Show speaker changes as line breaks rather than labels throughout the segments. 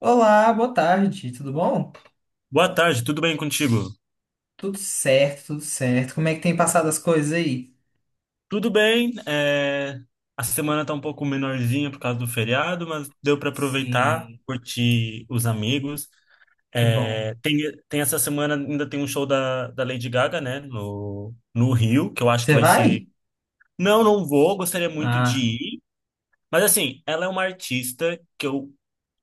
Olá, boa tarde, tudo bom?
Boa tarde, tudo bem contigo?
Tudo certo, tudo certo. Como é que tem passado as coisas aí?
Tudo bem, é, a semana tá um pouco menorzinha por causa do feriado, mas deu para aproveitar,
Sim,
curtir os amigos.
que bom.
É, Tem essa semana ainda tem um show da Lady Gaga, né, no Rio, que eu acho que
Você
vai ser.
vai?
Não, não vou, gostaria muito de
Ah,
ir, mas assim, ela é uma artista que eu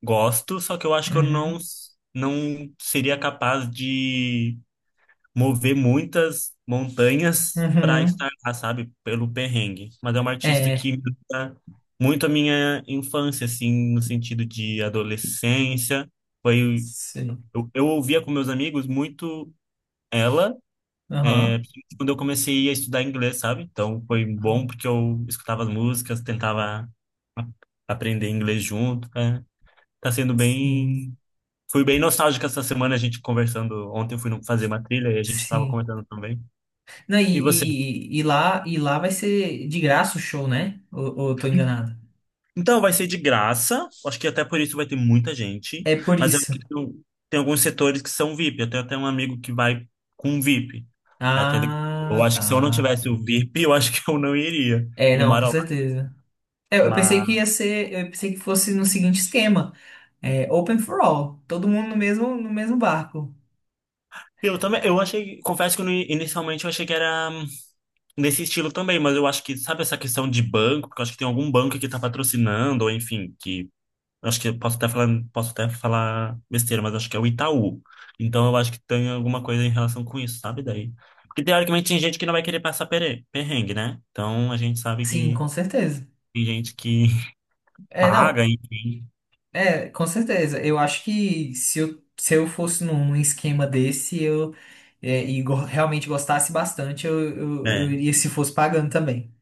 gosto, só que eu acho que eu não,
uhum.
não seria capaz de mover muitas montanhas para
Uhum.
estar lá, sabe? Pelo perrengue. Mas é uma artista
É,
que me lembra muito a minha infância, assim, no sentido de adolescência. Foi,
sim.
eu ouvia com meus amigos muito ela,
Aham.
principalmente quando eu comecei a estudar inglês, sabe? Então foi bom porque eu escutava as músicas, tentava a- aprender inglês junto. É, tá sendo
Sim,
bem. Fui bem nostálgico essa semana, a gente conversando. Ontem eu fui fazer uma trilha e a gente estava
sim.
conversando também.
Não,
E você?
e lá vai ser de graça o show, né? Ou eu tô enganado?
Então, vai ser de graça. Acho que até por isso vai ter muita gente.
É por
Mas eu acho
isso.
que tem alguns setores que são VIP. Eu tenho até um amigo que vai com VIP. Aí até ele, eu
Ah,
acho que se eu não
tá.
tivesse o VIP, eu acho que eu não iria.
É,
Ele
não, com
mora lá.
certeza. É,
Mas
eu pensei que fosse no seguinte esquema. É open for all. Todo mundo no mesmo barco.
eu também, eu achei, confesso que no inicialmente eu achei que era nesse estilo também, mas eu acho que, sabe essa questão de banco, porque eu acho que tem algum banco que tá patrocinando, ou enfim, que acho que eu posso até falar, besteira, mas acho que é o Itaú. Então eu acho que tem alguma coisa em relação com isso, sabe? Daí. Porque teoricamente tem gente que não vai querer passar perrengue, né? Então a gente sabe
Sim,
que
com certeza.
tem gente que
É, não,
paga, enfim.
é, com certeza. Eu acho que se eu fosse num esquema desse, eu realmente gostasse bastante, eu
É,
iria se fosse pagando também.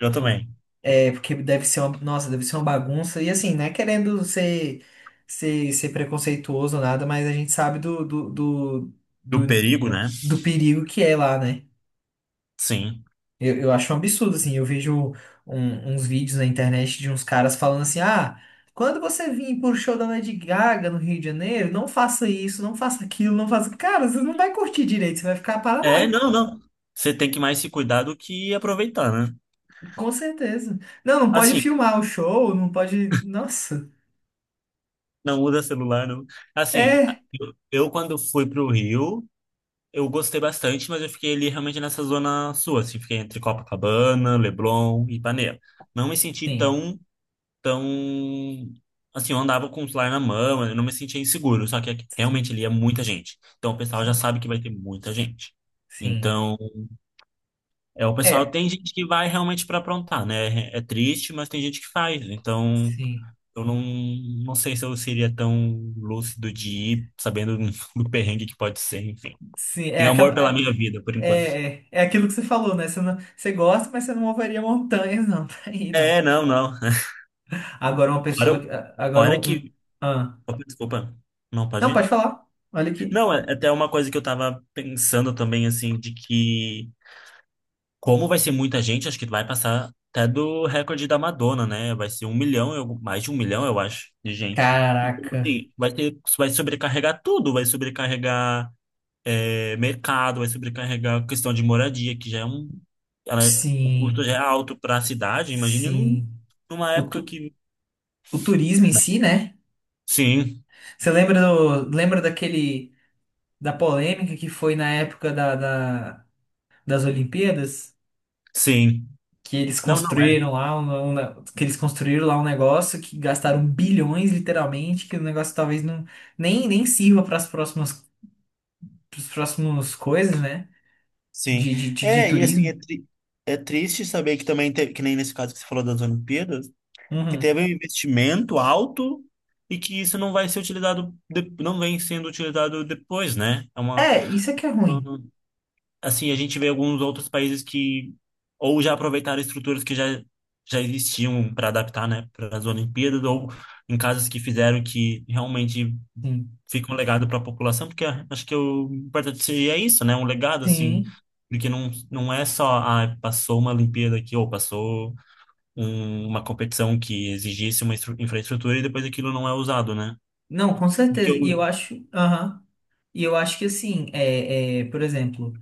eu
Por-
também.
É, porque nossa, deve ser uma bagunça. E assim, não é querendo ser preconceituoso ou nada, mas a gente sabe
Do
do,
perigo, né?
do perigo que é lá, né?
Sim.
Eu acho um absurdo, assim. Eu vejo uns vídeos na internet de uns caras falando assim: ah, quando você vir pro show da Lady Gaga no Rio de Janeiro, não faça isso, não faça aquilo, não faça. Cara, você não vai curtir direito, você vai ficar
É, não,
paranoico,
não. Você tem que mais se cuidar do que aproveitar, né?
com certeza. Não, não pode
Assim,
filmar o show, não pode. Nossa.
não usa celular, não. Assim,
É.
eu quando fui pro Rio. Eu gostei bastante, mas eu fiquei ali realmente nessa zona sua, assim, fiquei entre Copacabana, Leblon e Ipanema. Não me senti
Sim,
tão, assim, eu andava com o celular na mão, eu não me sentia inseguro, só que aqui realmente
sim,
ali é muita gente. Então o pessoal já
sim,
sabe que vai ter muita gente.
sim.
Então, o pessoal
É,
tem gente que vai realmente para aprontar, né? É triste, mas tem gente que faz. Então,
sim,
eu não, não sei se eu seria tão lúcido de ir sabendo do perrengue que pode ser, enfim.
sim. É,
Tenho amor
aquela,
pela
é,
minha vida, por enquanto.
é, é é aquilo que você falou, né? Você, não, você gosta, mas você não moveria montanhas, não, pra ir, não.
É, não, não.
Agora uma pessoa.
Fora,
Agora
fora
um.
que.
Ah.
Opa, desculpa. Não, pode
Não,
ir?
pode falar. Olha aqui.
Não, é até uma coisa que eu tava pensando também, assim, de que como vai ser muita gente, acho que vai passar até do recorde da Madonna, né? Vai ser 1 milhão, mais de 1 milhão, eu acho, de gente. Então,
Caraca.
assim, vai ter, vai sobrecarregar tudo, vai sobrecarregar mercado, vai sobrecarregar a questão de moradia, que já é um. O custo
Sim.
já é alto para a cidade, imagina
Sim.
numa
O,
época
tu,
que,
o turismo em
né?
si, né?
Sim,
Você lembra daquele. Da polêmica que foi na época das Olimpíadas?
sim.
Que eles
Não, não é.
construíram lá né, que eles construíram lá um negócio que gastaram bilhões, literalmente, que o negócio talvez não nem sirva para as próximas, pros próximos coisas, né?
Sim.
De
É, e assim,
turismo.
é triste saber que também teve, que nem nesse caso que você falou das Olimpíadas, que
Uhum.
teve um investimento alto e que isso não vai ser utilizado, não vem sendo utilizado depois, né? É uma,
É, isso é que é ruim.
assim, a gente vê alguns outros países que ou já aproveitaram estruturas que já existiam para adaptar, né, para as Olimpíadas, ou em casas que fizeram que realmente
Sim.
fica um legado para a população, porque acho que o importante seria isso, né, um legado, assim,
Sim.
porque não, não é só, ah, passou uma Olimpíada aqui, ou passou uma competição que exigisse uma infraestrutura e depois aquilo não é usado, né?
Não, com
Porque eu,
certeza. E eu
sim,
acho, aham. E eu acho que assim, por exemplo,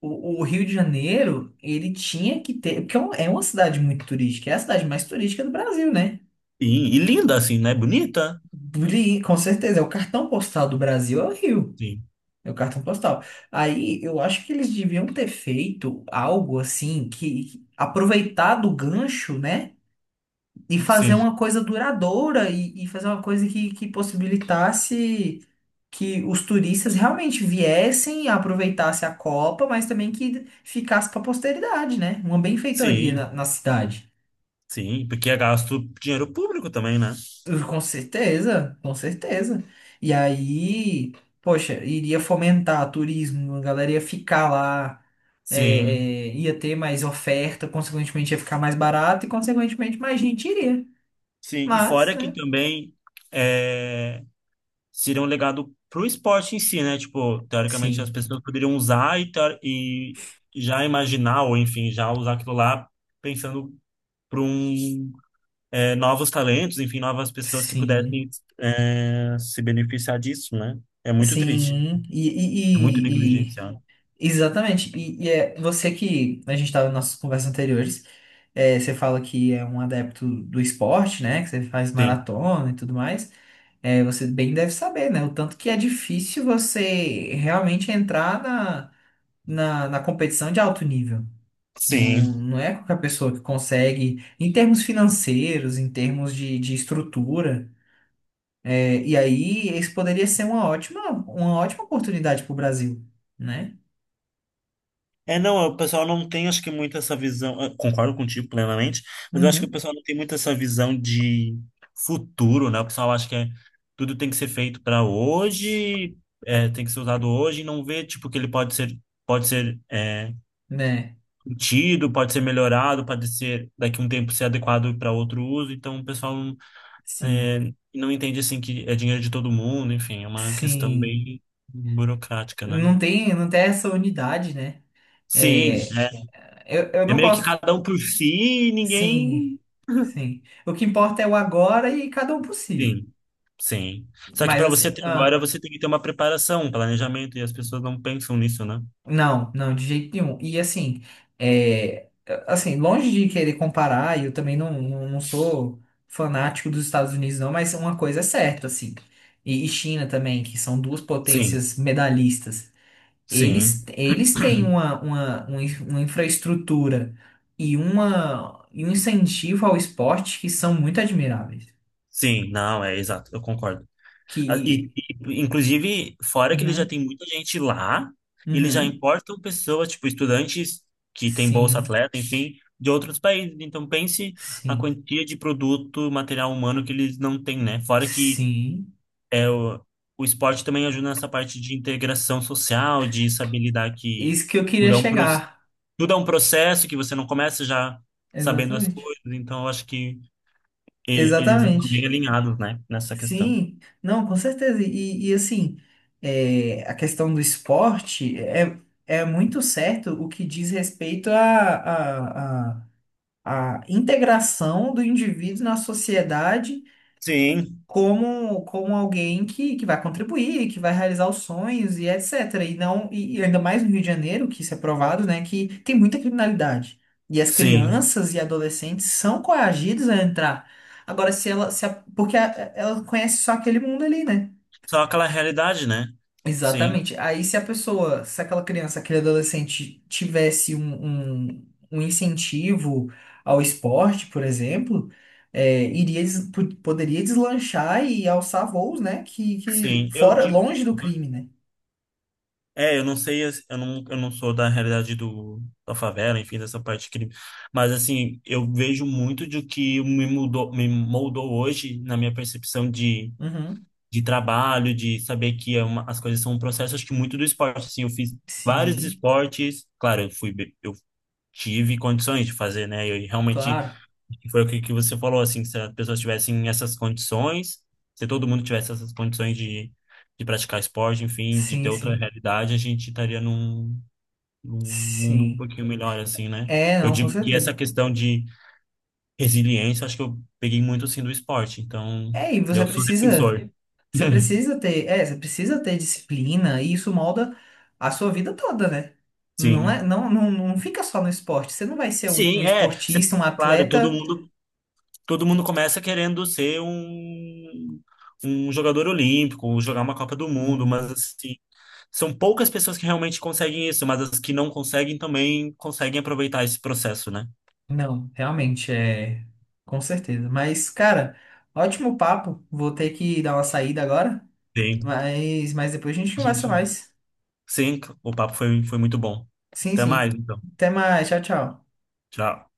o Rio de Janeiro, ele tinha que ter, porque é uma cidade muito turística, é a cidade mais turística do Brasil, né?
e linda, assim, né, bonita?
Com certeza, é o cartão postal do Brasil é o Rio.
Sim,
É o cartão postal. Aí eu acho que eles deviam ter feito algo assim que aproveitar do gancho, né? E fazer
sim,
uma coisa duradoura e fazer uma coisa que possibilitasse que os turistas realmente viessem, aproveitassem a Copa, mas também que ficasse para a posteridade, né? Uma benfeitoria na,
sim.
na cidade.
Sim, porque é gasto dinheiro público também, né?
Com certeza, com certeza. E aí, poxa, iria fomentar turismo, a galera ia ficar lá.
Sim,
Ia ter mais oferta, consequentemente ia ficar mais barato e consequentemente mais gente iria.
sim. E
Mas,
fora que
né?
também é, seria um legado pro esporte em si, né? Tipo, teoricamente as
Sim,
pessoas poderiam usar e, e já imaginar, ou enfim, já usar aquilo lá pensando para um, novos talentos, enfim, novas pessoas que
sim.
pudessem se beneficiar disso, né? É muito triste,
Sim,
é muito negligenciado.
exatamente. E é você que a gente estava nas nossas conversas anteriores, você fala que é um adepto do esporte, né? Que você faz
Sim,
maratona e tudo mais. É, você bem deve saber, né? O tanto que é difícil você realmente entrar na competição de alto nível. Não,
sim.
não é qualquer pessoa que consegue, em termos financeiros, em termos de estrutura. É, e aí, isso poderia ser uma ótima oportunidade para o Brasil, né?
É, não, o pessoal não tem, acho que, muito essa visão. Concordo contigo plenamente, mas eu acho que o
Uhum,
pessoal não tem muito essa visão de futuro, né? O pessoal acha que tudo tem que ser feito para hoje, tem que ser usado hoje, e não vê, tipo, que ele pode ser,
né?
curtido, pode ser melhorado, pode ser daqui a um tempo ser adequado para outro uso. Então, o pessoal,
Sim,
não entende, assim, que é dinheiro de todo mundo, enfim, é uma questão
sim.
bem burocrática, né?
Não tem, não tem essa unidade, né?
Sim,
É,
é,
eu
é
não
meio que
gosto.
cada um por si e
Sim,
ninguém.
sim. O que importa é o agora e cada um por si.
Sim, sim. Só que
Mas
para você
assim,
ter agora,
ah.
você tem que ter uma preparação, um planejamento, e as pessoas não pensam nisso, né?
Não, não, de jeito nenhum. E assim, é, assim, longe de querer comparar, eu também não, não, não sou fanático dos Estados Unidos, não, mas uma coisa é certa, assim. E China também, que são duas
Sim,
potências medalhistas. Eles,
sim.
eles têm uma infraestrutura e um incentivo ao esporte que são muito admiráveis.
Sim, não, é exato, eu concordo. Ah, E,
Que.
e, inclusive, fora que ele já
Uhum,
tem muita gente lá, eles já
uhum,
importam pessoas, tipo, estudantes que têm bolsa
sim,
atleta, enfim, de outros países. Então, pense a
sim,
quantia de produto, material humano que eles não têm, né? Fora que
sim.
É, o, o esporte também ajuda nessa parte de integração social, de saber lidar que
Isso que eu queria
tudo é um, pro-
chegar.
tudo é um processo que você não começa já sabendo as
Exatamente.
coisas, então eu acho que eles andam bem
Exatamente.
alinhados, né, nessa questão.
Sim, não, com certeza. E assim, a questão do esporte é, é muito certo o que diz respeito à à- à integração do indivíduo na sociedade
Sim,
como alguém que vai contribuir, que vai realizar os sonhos e etc. E não, e ainda mais no Rio de Janeiro, que isso é provado, né, que tem muita criminalidade. E as
sim.
crianças e adolescentes são coagidas a entrar. Agora, se ela, se a- porque a- ela conhece só aquele mundo ali, né?
Só aquela realidade, né? Sim,
Exatamente. Aí, se a pessoa, se aquela criança, aquele adolescente tivesse um incentivo ao esporte, por exemplo, poderia deslanchar e alçar voos, né? Que
sim. Eu
fora,
di-
longe do crime, né?
é, eu não sei, eu não sou da realidade da favela, enfim, dessa parte crime. Mas, assim, eu vejo muito de o que me mudou, me moldou hoje na minha percepção de
Uhum.
trabalho, de saber que é as coisas são um processo, acho que muito do esporte, assim, eu fiz vários
Sim,
esportes, claro, eu tive condições de fazer, né, e realmente
claro.
foi o que, que você falou, assim, que se as pessoas tivessem essas condições, se todo mundo tivesse essas condições de praticar esporte, enfim, de ter
Sim,
outra
sim.
realidade, a gente estaria num mundo um
Sim.
pouquinho melhor, assim, né,
É,
eu
não, com
digo que
certeza.
essa questão de resiliência, acho que eu peguei muito, assim, do esporte, então,
É, e você
eu sou
precisa.
defensor.
Você precisa ter disciplina e isso molda a sua vida toda, né? Não é,
Sim.
não, não, não fica só no esporte. Você não vai ser um
Sim, é. Você-
esportista, um
claro, todo
atleta.
mundo, todo mundo começa querendo ser um jogador olímpico, jogar uma Copa do Mundo, mas
Hum.
assim, são poucas pessoas que realmente conseguem isso, mas as que não conseguem também conseguem aproveitar esse processo, né?
Não, realmente é, com certeza. Mas, cara, ótimo papo. Vou ter que dar uma saída agora,
Sim.
mas depois a gente conversa
Gente,
mais.
sim, o papo foi muito bom.
Sim,
Até mais,
sim.
então.
Até mais. Tchau, tchau.
Tchau.